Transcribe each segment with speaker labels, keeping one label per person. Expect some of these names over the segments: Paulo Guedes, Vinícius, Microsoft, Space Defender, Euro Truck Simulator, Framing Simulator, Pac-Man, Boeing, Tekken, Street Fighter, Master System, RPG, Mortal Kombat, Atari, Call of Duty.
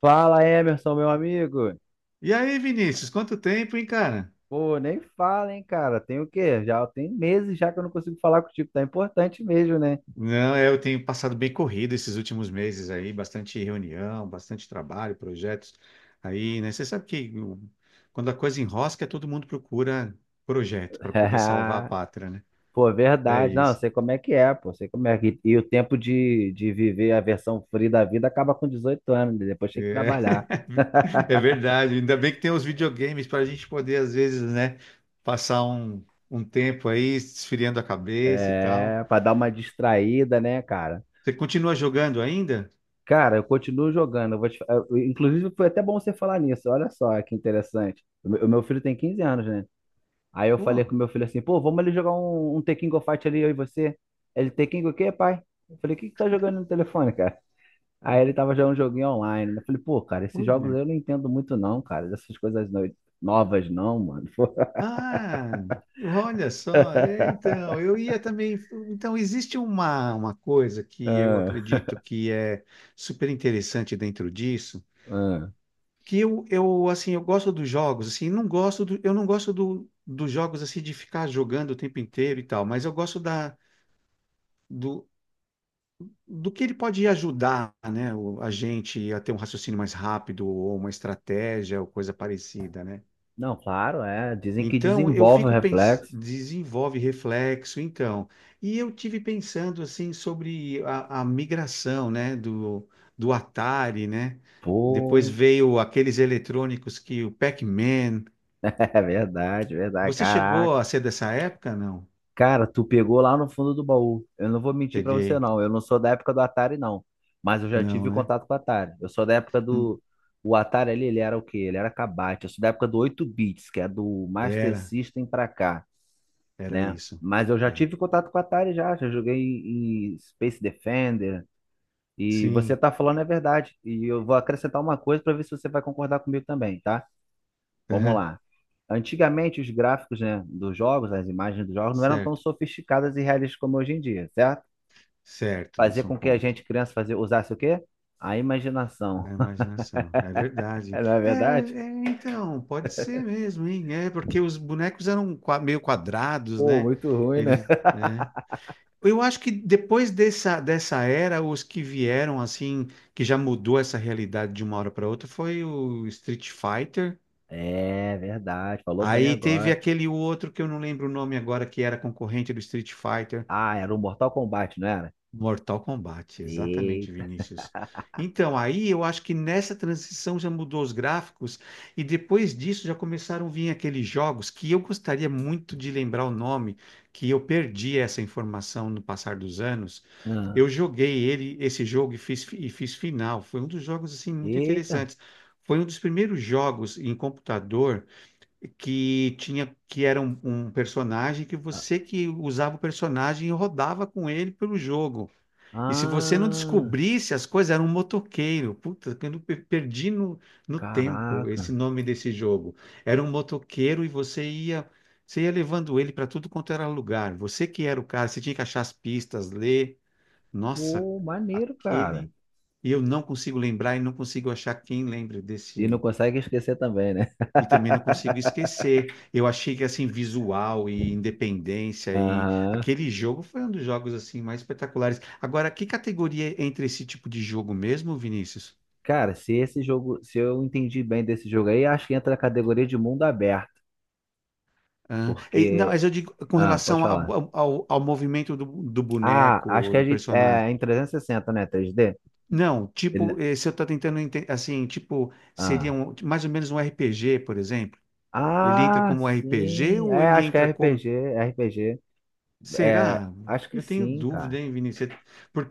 Speaker 1: Fala, Emerson, meu amigo.
Speaker 2: E aí, Vinícius, quanto tempo, hein, cara?
Speaker 1: Pô, nem fala, hein, cara. Tem o quê? Já tem meses já que eu não consigo falar contigo. Tá importante mesmo, né?
Speaker 2: Não, é, eu tenho passado bem corrido esses últimos meses aí, bastante reunião, bastante trabalho, projetos aí, né? Você sabe que quando a coisa enrosca, todo mundo procura projeto para poder salvar a pátria, né?
Speaker 1: Pô,
Speaker 2: É
Speaker 1: verdade. Não, eu
Speaker 2: isso.
Speaker 1: sei como é que é, pô. Sei como é que... E o tempo de viver a versão free da vida acaba com 18 anos. Né? Depois tem que
Speaker 2: É,
Speaker 1: trabalhar.
Speaker 2: é verdade. Ainda bem que tem os videogames para a gente poder, às vezes, né, passar um tempo aí esfriando a cabeça e tal.
Speaker 1: É, pra dar uma distraída, né, cara?
Speaker 2: Você continua jogando ainda?
Speaker 1: Cara, eu continuo jogando. Eu vou te... eu- inclusive, foi até bom você falar nisso. Olha só que interessante. O meu filho tem 15 anos, né? Aí eu falei
Speaker 2: Pô,
Speaker 1: com meu filho assim, pô, vamos ali jogar um Tekken Go Fight ali, eu e você. Ele, Tekken Go o quê, pai? Eu falei, o que que tá jogando no telefone, cara? Aí ele tava jogando um joguinho online. Né? Eu falei, pô, cara, esses jogos
Speaker 2: olha.
Speaker 1: aí eu não entendo muito não, cara. Dessas coisas novas não, mano.
Speaker 2: Ah, olha só, então, eu ia também. Então, existe uma coisa que eu
Speaker 1: Ah,
Speaker 2: acredito que é super interessante dentro disso,
Speaker 1: ah.
Speaker 2: que eu assim, eu gosto dos jogos, assim, não gosto eu não gosto dos jogos assim de ficar jogando o tempo inteiro e tal, mas eu gosto do, do que ele pode ajudar, né, a gente a ter um raciocínio mais rápido ou uma estratégia ou coisa parecida, né?
Speaker 1: Não, claro, é. Dizem que
Speaker 2: Então, eu
Speaker 1: desenvolve o
Speaker 2: fico pensando,
Speaker 1: reflexo.
Speaker 2: desenvolve reflexo, então. E eu tive pensando assim sobre a migração, né, do Atari, né? Depois
Speaker 1: Pô,
Speaker 2: veio aqueles eletrônicos que o Pac-Man.
Speaker 1: é verdade, é verdade.
Speaker 2: Você
Speaker 1: Caraca.
Speaker 2: chegou a ser dessa época? Não.
Speaker 1: Cara, tu pegou lá no fundo do baú. Eu não vou mentir pra você,
Speaker 2: Peguei.
Speaker 1: não. Eu não sou da época do Atari, não. Mas eu já
Speaker 2: Não,
Speaker 1: tive
Speaker 2: né?
Speaker 1: contato com o Atari. Eu sou da época
Speaker 2: Hum.
Speaker 1: do. O Atari ali, ele era o quê? Ele era cabate. Eu sou da época do 8 bits, que é do Master
Speaker 2: Era,
Speaker 1: System pra cá,
Speaker 2: era
Speaker 1: né?
Speaker 2: isso.
Speaker 1: Mas eu já
Speaker 2: É.
Speaker 1: tive contato com o Atari já. Já joguei em Space Defender. E você
Speaker 2: Sim.
Speaker 1: tá falando é verdade. E eu vou acrescentar uma coisa pra ver se você vai concordar comigo também, tá? Vamos
Speaker 2: Aham.
Speaker 1: lá. Antigamente, os gráficos, né, dos jogos, as imagens dos jogos, não eram tão
Speaker 2: Certo.
Speaker 1: sofisticadas e realistas como hoje em dia, certo?
Speaker 2: Certo,
Speaker 1: Fazer
Speaker 2: isso é um
Speaker 1: com que a
Speaker 2: ponto.
Speaker 1: gente, criança, fazia, usasse o quê? A imaginação.
Speaker 2: A imaginação, é verdade.
Speaker 1: É, não é
Speaker 2: É,
Speaker 1: verdade?
Speaker 2: é, então, pode ser mesmo, hein? É, porque os bonecos eram meio quadrados,
Speaker 1: Pô,
Speaker 2: né?
Speaker 1: muito ruim, né?
Speaker 2: Eles, é. Eu acho que depois dessa era, os que vieram, assim, que já mudou essa realidade de uma hora para outra, foi o Street Fighter.
Speaker 1: É verdade, falou bem
Speaker 2: Aí teve
Speaker 1: agora.
Speaker 2: aquele outro que eu não lembro o nome agora, que era concorrente do Street Fighter.
Speaker 1: Ah, era o Mortal Kombat, não era?
Speaker 2: Mortal Kombat, exatamente,
Speaker 1: Eita.
Speaker 2: Vinícius. Então, aí eu acho que nessa transição já mudou os gráficos e depois disso já começaram a vir aqueles jogos que eu gostaria muito de lembrar o nome, que eu perdi essa informação no passar dos anos.
Speaker 1: Ah,
Speaker 2: Eu joguei ele, esse jogo e fiz final. Foi um dos jogos assim muito
Speaker 1: eita.
Speaker 2: interessantes. Foi um dos primeiros jogos em computador que tinha que era um personagem que
Speaker 1: Ah,
Speaker 2: você que usava o personagem e rodava com ele pelo jogo. E se você não
Speaker 1: ah,
Speaker 2: descobrisse as coisas, era um motoqueiro. Puta, eu não perdi no tempo esse
Speaker 1: caraca.
Speaker 2: nome desse jogo. Era um motoqueiro e você ia levando ele para tudo quanto era lugar. Você que era o cara, você tinha que achar as pistas, ler. Nossa,
Speaker 1: Pô, maneiro, cara.
Speaker 2: aquele. E eu não consigo lembrar e não consigo achar quem lembre
Speaker 1: E não
Speaker 2: desse.
Speaker 1: consegue esquecer também, né?
Speaker 2: E também não consigo esquecer. Eu achei que assim visual e independência e
Speaker 1: Aham.
Speaker 2: aquele jogo foi um dos jogos assim mais espetaculares. Agora, que categoria entra esse tipo de jogo mesmo, Vinícius?
Speaker 1: Cara, se esse jogo, se eu entendi bem desse jogo aí, acho que entra na categoria de mundo aberto,
Speaker 2: Não,
Speaker 1: porque,
Speaker 2: mas eu digo com
Speaker 1: ah, pode
Speaker 2: relação
Speaker 1: falar.
Speaker 2: ao movimento do
Speaker 1: Ah, acho
Speaker 2: boneco,
Speaker 1: que é,
Speaker 2: do
Speaker 1: de-
Speaker 2: personagem.
Speaker 1: é em 360, né? 3D?
Speaker 2: Não,
Speaker 1: Ele-
Speaker 2: tipo, se eu estou assim, tipo, seria
Speaker 1: ah.
Speaker 2: mais ou menos um RPG, por exemplo. Ele entra
Speaker 1: Ah,
Speaker 2: como RPG
Speaker 1: sim.
Speaker 2: ou
Speaker 1: É,
Speaker 2: ele
Speaker 1: acho que é
Speaker 2: entra como...
Speaker 1: RPG, RPG. É,
Speaker 2: Será?
Speaker 1: acho que
Speaker 2: Eu tenho
Speaker 1: sim,
Speaker 2: dúvida,
Speaker 1: cara.
Speaker 2: hein, Vinícius?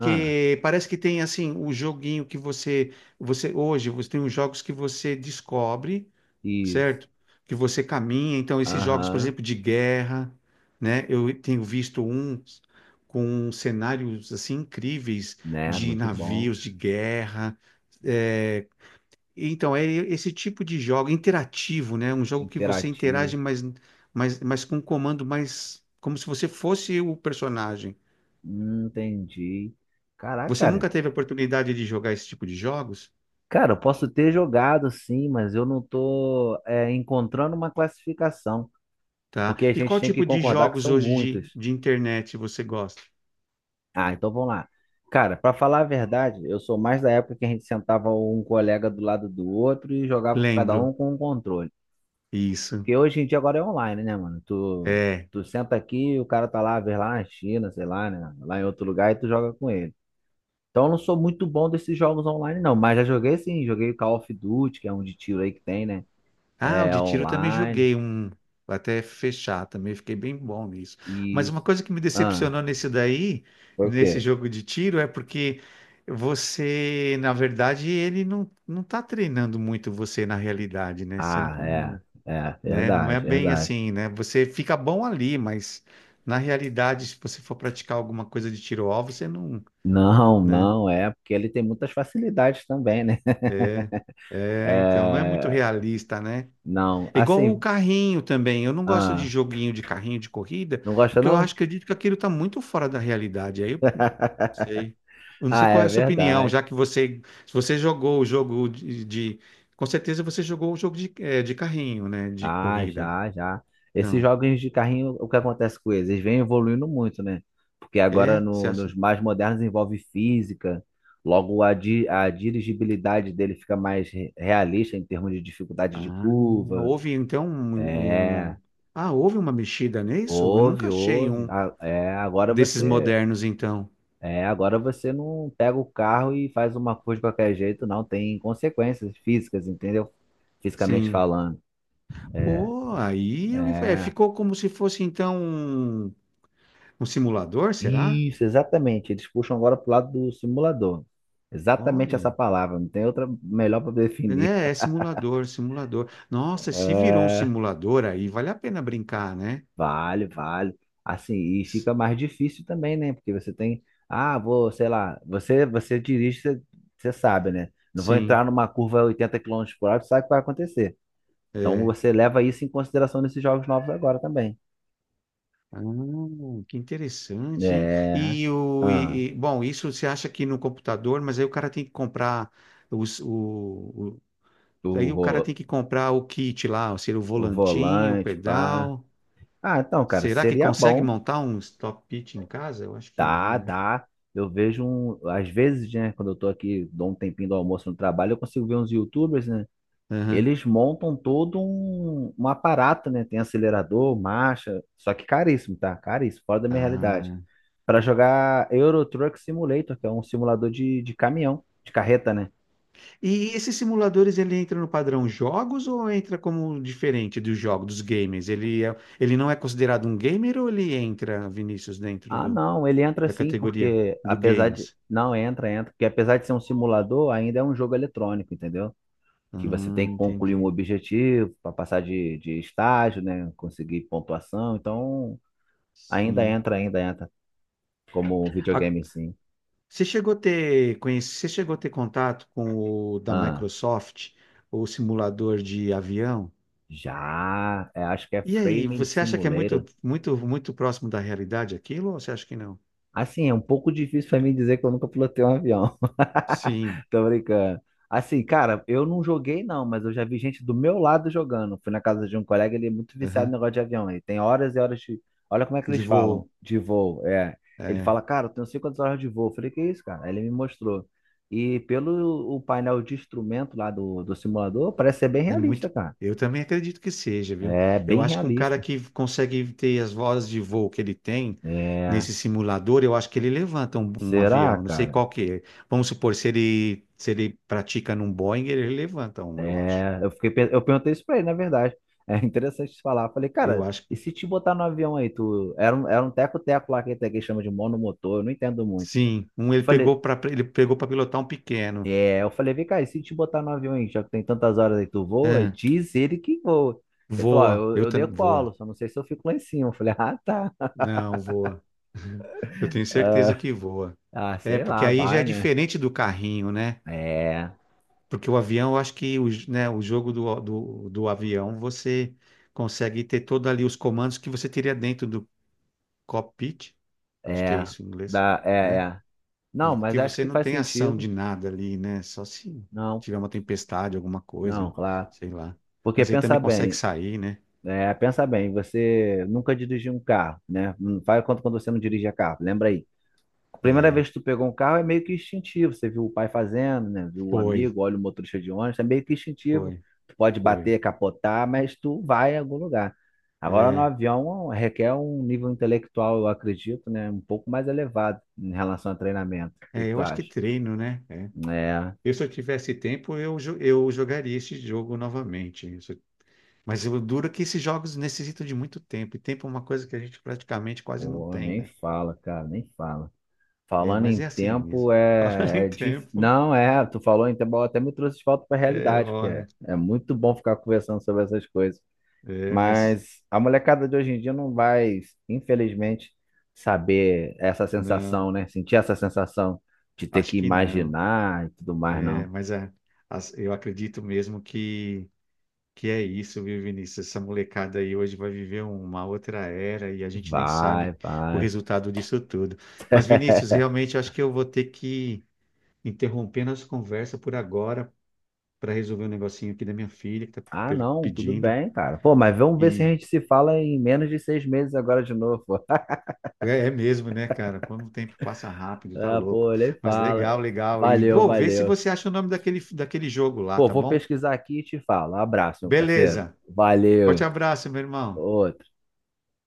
Speaker 1: Ah,
Speaker 2: parece que tem assim o joguinho que você, você hoje você tem os jogos que você descobre,
Speaker 1: isso.
Speaker 2: certo? Que você caminha. Então esses jogos, por
Speaker 1: Aham.
Speaker 2: exemplo, de guerra, né? Eu tenho visto uns com cenários assim incríveis
Speaker 1: Né,
Speaker 2: de
Speaker 1: muito bom.
Speaker 2: navios de guerra, eh, então, é esse tipo de jogo interativo, né? Um jogo que você interage,
Speaker 1: Interativo.
Speaker 2: mas com um comando mais como se você fosse o personagem.
Speaker 1: Entendi. Caraca,
Speaker 2: Você
Speaker 1: cara.
Speaker 2: nunca teve a oportunidade de jogar esse tipo de jogos,
Speaker 1: Cara, eu posso ter jogado sim, mas eu não tô é, encontrando uma classificação,
Speaker 2: tá?
Speaker 1: porque a
Speaker 2: E qual
Speaker 1: gente tem que
Speaker 2: tipo de
Speaker 1: concordar que
Speaker 2: jogos
Speaker 1: são
Speaker 2: hoje
Speaker 1: muitas.
Speaker 2: de internet você gosta?
Speaker 1: Ah, então vamos lá. Cara, pra falar a verdade, eu sou mais da época que a gente sentava um colega do lado do outro e jogava cada um
Speaker 2: Lembro.
Speaker 1: com um controle.
Speaker 2: Isso.
Speaker 1: Porque hoje em dia agora é online, né, mano? Tu,
Speaker 2: É.
Speaker 1: tu senta aqui, o cara tá lá, vê lá na China, sei lá, né? Lá em outro lugar e tu joga com ele. Então eu não sou muito bom desses jogos online, não, mas já joguei sim, joguei Call of Duty, que é um de tiro aí que tem, né?
Speaker 2: Ah, o
Speaker 1: É
Speaker 2: de tiro também
Speaker 1: online.
Speaker 2: joguei um até fechar, também fiquei bem bom nisso. Mas uma
Speaker 1: Isso.
Speaker 2: coisa que me
Speaker 1: Ah,
Speaker 2: decepcionou nesse daí,
Speaker 1: foi o
Speaker 2: nesse
Speaker 1: quê?
Speaker 2: jogo de tiro, é porque você, na verdade, ele não tá treinando muito você na realidade, né? Você não,
Speaker 1: Ah, é.
Speaker 2: com-
Speaker 1: É,
Speaker 2: né? Não é
Speaker 1: verdade,
Speaker 2: bem
Speaker 1: verdade.
Speaker 2: assim, né? Você fica bom ali, mas na realidade, se você for praticar alguma coisa de tiro-alvo, você não,
Speaker 1: Não,
Speaker 2: né?
Speaker 1: não, é, porque ele tem muitas facilidades também, né?
Speaker 2: É, é, então não é muito
Speaker 1: É,
Speaker 2: realista, né?
Speaker 1: não,
Speaker 2: É igual o
Speaker 1: assim,
Speaker 2: carrinho também. Eu não gosto de
Speaker 1: ah,
Speaker 2: joguinho de carrinho de corrida,
Speaker 1: não gosta
Speaker 2: porque eu
Speaker 1: não?
Speaker 2: acho, acredito que aquilo está muito fora da realidade. Aí eu não sei. Eu não sei
Speaker 1: Ah,
Speaker 2: qual é
Speaker 1: é
Speaker 2: a sua opinião,
Speaker 1: verdade.
Speaker 2: já que você, se você jogou o jogo com certeza você jogou o jogo de, de carrinho, né? De
Speaker 1: Ah,
Speaker 2: corrida.
Speaker 1: já, já. Esses
Speaker 2: Não.
Speaker 1: jogos de carrinho, o que acontece com eles? Eles vêm evoluindo muito, né? Porque agora
Speaker 2: É? Você acha?
Speaker 1: nos mais modernos envolve física, logo a dirigibilidade dele fica mais realista em termos de dificuldade de
Speaker 2: Ah,
Speaker 1: curva.
Speaker 2: houve então um,
Speaker 1: É,
Speaker 2: um- Ah, houve uma mexida nisso? Eu
Speaker 1: houve,
Speaker 2: nunca achei
Speaker 1: houve.
Speaker 2: um
Speaker 1: A- é, agora
Speaker 2: desses
Speaker 1: você,
Speaker 2: modernos, então.
Speaker 1: é, agora você não pega o carro e faz uma curva de qualquer jeito, não. Tem consequências físicas, entendeu? Fisicamente
Speaker 2: Sim.
Speaker 1: falando.
Speaker 2: Pô, aí
Speaker 1: É.
Speaker 2: ficou como se fosse então um um simulador, será?
Speaker 1: Isso, exatamente. Eles puxam agora pro lado do simulador. Exatamente essa
Speaker 2: Olha,
Speaker 1: palavra, não tem outra melhor para definir.
Speaker 2: né? É simulador, simulador. Nossa, se virou um
Speaker 1: É,
Speaker 2: simulador aí, vale a pena brincar, né?
Speaker 1: vale, vale. Assim, e
Speaker 2: S-
Speaker 1: fica mais difícil também, né? Porque você tem, ah, vou, sei lá, você dirige, você, você sabe, né? Não vou
Speaker 2: Sim,
Speaker 1: entrar numa curva a 80 km/h, tu sabe o que vai acontecer. Então
Speaker 2: é.
Speaker 1: você leva isso em consideração nesses jogos novos agora também.
Speaker 2: Ah, que interessante, hein?
Speaker 1: É.
Speaker 2: E
Speaker 1: Ah,
Speaker 2: bom, isso você acha que no computador, mas aí o cara tem que comprar os, o, o-
Speaker 1: o,
Speaker 2: aí o cara
Speaker 1: vo-
Speaker 2: tem que comprar o kit lá, ou seja, o
Speaker 1: o
Speaker 2: volantinho, o
Speaker 1: volante, pá.
Speaker 2: pedal.
Speaker 1: Ah, então, cara,
Speaker 2: Será que
Speaker 1: seria
Speaker 2: consegue
Speaker 1: bom.
Speaker 2: montar um stop pitch em casa? Eu acho que não,
Speaker 1: Dá,
Speaker 2: né?
Speaker 1: dá. Eu vejo, um, às vezes, né, quando eu tô aqui, dou um tempinho do almoço no trabalho, eu consigo ver uns YouTubers, né?
Speaker 2: Aham.
Speaker 1: Eles montam todo um aparato, né? Tem acelerador, marcha, só que caríssimo, tá? Caríssimo, fora da minha realidade.
Speaker 2: Ah,
Speaker 1: Para jogar Euro Truck Simulator, que é um simulador de caminhão, de carreta, né?
Speaker 2: e esses simuladores, ele entra no padrão jogos ou entra como diferente dos jogos, dos gamers? Ele, ele não é considerado um gamer ou ele entra, Vinícius, dentro
Speaker 1: Ah,
Speaker 2: do,
Speaker 1: não, ele entra
Speaker 2: da
Speaker 1: sim,
Speaker 2: categoria
Speaker 1: porque
Speaker 2: do
Speaker 1: apesar de.
Speaker 2: games?
Speaker 1: Não, entra, entra, porque apesar de ser um simulador, ainda é um jogo eletrônico, entendeu? Que você
Speaker 2: Ah,
Speaker 1: tem que concluir um
Speaker 2: entendi.
Speaker 1: objetivo para passar de estágio, né? Conseguir pontuação. Então,
Speaker 2: Sim.
Speaker 1: ainda entra como
Speaker 2: A-
Speaker 1: videogame, sim.
Speaker 2: você chegou a ter, conhece, você chegou a ter contato com o da
Speaker 1: Ah,
Speaker 2: Microsoft, o simulador de avião?
Speaker 1: já, é, acho que é
Speaker 2: E aí,
Speaker 1: Framing
Speaker 2: você acha que é
Speaker 1: Simulator.
Speaker 2: muito, muito, muito próximo da realidade aquilo ou você acha que não?
Speaker 1: Assim, é um pouco difícil pra mim dizer que eu nunca pilotei um avião.
Speaker 2: Sim.
Speaker 1: Tô brincando. Assim, cara, eu não joguei não, mas eu já vi gente do meu lado jogando. Fui na casa de um colega, ele é muito viciado no
Speaker 2: Aham.
Speaker 1: negócio de avião. Ele tem horas e horas de. Olha como é que
Speaker 2: De
Speaker 1: eles falam,
Speaker 2: voo.
Speaker 1: de voo. É. Ele fala, cara, eu tenho 50 horas de voo. Eu falei, que isso, cara? Aí ele me mostrou. E pelo o painel de instrumento lá do simulador, parece ser bem
Speaker 2: É muito.
Speaker 1: realista, cara.
Speaker 2: Eu também acredito que seja, viu?
Speaker 1: É,
Speaker 2: Eu
Speaker 1: bem
Speaker 2: acho que um cara
Speaker 1: realista.
Speaker 2: que consegue ter as vozes de voo que ele tem
Speaker 1: É.
Speaker 2: nesse simulador, eu acho que ele levanta um
Speaker 1: Será,
Speaker 2: avião. Não sei
Speaker 1: cara?
Speaker 2: qual que é. Vamos supor, se ele, se ele pratica num Boeing, ele levanta um, eu acho.
Speaker 1: É, eu fiquei, eu perguntei isso pra ele, na verdade. É interessante você falar. Eu falei,
Speaker 2: Eu
Speaker 1: cara,
Speaker 2: acho
Speaker 1: e
Speaker 2: que
Speaker 1: se te botar no avião aí, tu era um teco-teco lá que até que chama de monomotor, eu não entendo muito.
Speaker 2: sim. Um
Speaker 1: Eu falei,
Speaker 2: ele pegou para pilotar um pequeno.
Speaker 1: é, eu falei, vem cá, e se te botar no avião aí, já que tem tantas horas aí, tu voa?
Speaker 2: É,
Speaker 1: Diz ele que voa. Ele falou, ó,
Speaker 2: voa.
Speaker 1: eu,
Speaker 2: Eu
Speaker 1: eu
Speaker 2: também voa.
Speaker 1: decolo, só não sei se eu fico lá em cima. Eu falei, ah, tá.
Speaker 2: Não, voa. Eu tenho certeza
Speaker 1: Ah,
Speaker 2: que voa.
Speaker 1: ah,
Speaker 2: É,
Speaker 1: sei
Speaker 2: porque
Speaker 1: lá,
Speaker 2: aí já
Speaker 1: vai,
Speaker 2: é
Speaker 1: né?
Speaker 2: diferente do carrinho, né?
Speaker 1: É,
Speaker 2: Porque o avião, eu acho que o jogo do avião, você consegue ter todos ali os comandos que você teria dentro do cockpit, acho que é
Speaker 1: é,
Speaker 2: isso em inglês,
Speaker 1: dá, é,
Speaker 2: né?
Speaker 1: é.
Speaker 2: E
Speaker 1: Não, mas
Speaker 2: porque
Speaker 1: acho
Speaker 2: você
Speaker 1: que
Speaker 2: não
Speaker 1: faz
Speaker 2: tem ação
Speaker 1: sentido.
Speaker 2: de nada ali, né? Só se
Speaker 1: Não,
Speaker 2: tiver uma tempestade, alguma coisa,
Speaker 1: não,
Speaker 2: né?
Speaker 1: claro.
Speaker 2: Sei lá.
Speaker 1: Porque
Speaker 2: Mas aí também
Speaker 1: pensa
Speaker 2: consegue
Speaker 1: bem.
Speaker 2: sair, né?
Speaker 1: É, pensa bem, você nunca dirigiu um carro, né? Não faz quanto quando você não dirigia carro, lembra aí. A primeira vez que tu pegou um carro é meio que instintivo, você viu o pai fazendo, né? Viu o
Speaker 2: Foi,
Speaker 1: amigo, olha o motorista de ônibus, é meio que instintivo.
Speaker 2: foi,
Speaker 1: Tu pode
Speaker 2: foi.
Speaker 1: bater, capotar, mas tu vai em algum lugar. Agora no
Speaker 2: É,
Speaker 1: avião requer um nível intelectual, eu acredito, né? Um pouco mais elevado em relação a treinamento. O que
Speaker 2: é,
Speaker 1: que tu
Speaker 2: eu acho que
Speaker 1: acha?
Speaker 2: treino, né? É.
Speaker 1: É,
Speaker 2: Eu, se eu tivesse tempo, eu jogaria esse jogo novamente. Mas o duro é que esses jogos necessitam de muito tempo, e tempo é uma coisa que a gente praticamente quase não
Speaker 1: pô,
Speaker 2: tem,
Speaker 1: nem
Speaker 2: né?
Speaker 1: fala, cara, nem fala.
Speaker 2: É,
Speaker 1: Falando
Speaker 2: mas
Speaker 1: em
Speaker 2: é assim mesmo.
Speaker 1: tempo,
Speaker 2: Falando
Speaker 1: é,
Speaker 2: em
Speaker 1: é
Speaker 2: tempo,
Speaker 1: não, é, tu falou em tempo, até me trouxe de volta para a
Speaker 2: é
Speaker 1: realidade, porque é,
Speaker 2: hora.
Speaker 1: é muito bom ficar conversando sobre essas coisas.
Speaker 2: É, mas
Speaker 1: Mas a molecada de hoje em dia não vai, infelizmente, saber essa
Speaker 2: não,
Speaker 1: sensação, né? Sentir essa sensação de ter
Speaker 2: acho
Speaker 1: que
Speaker 2: que não.
Speaker 1: imaginar e tudo mais,
Speaker 2: É,
Speaker 1: não.
Speaker 2: mas eu acredito mesmo que é isso, viu, Vinícius? Essa molecada aí hoje vai viver uma outra era e a gente nem
Speaker 1: Vai,
Speaker 2: sabe o
Speaker 1: vai.
Speaker 2: resultado disso tudo. Mas, Vinícius, realmente acho que eu vou ter que interromper nossa conversa por agora, para resolver um negocinho aqui da minha filha que tá
Speaker 1: Ah, não, tudo
Speaker 2: pedindo.
Speaker 1: bem, cara. Pô, mas vamos ver se a
Speaker 2: E
Speaker 1: gente se fala em menos de 6 meses agora de novo.
Speaker 2: é, é mesmo, né, cara? Quando o tempo passa rápido, tá
Speaker 1: Ah,
Speaker 2: louco.
Speaker 1: pô, nem
Speaker 2: Mas
Speaker 1: fala.
Speaker 2: legal, legal. E
Speaker 1: Valeu,
Speaker 2: vou ver se
Speaker 1: valeu.
Speaker 2: você acha o nome daquele, daquele jogo lá,
Speaker 1: Pô,
Speaker 2: tá
Speaker 1: vou
Speaker 2: bom?
Speaker 1: pesquisar aqui e te falo. Abraço, meu parceiro.
Speaker 2: Beleza. Forte
Speaker 1: Valeu.
Speaker 2: abraço, meu irmão.
Speaker 1: Ô,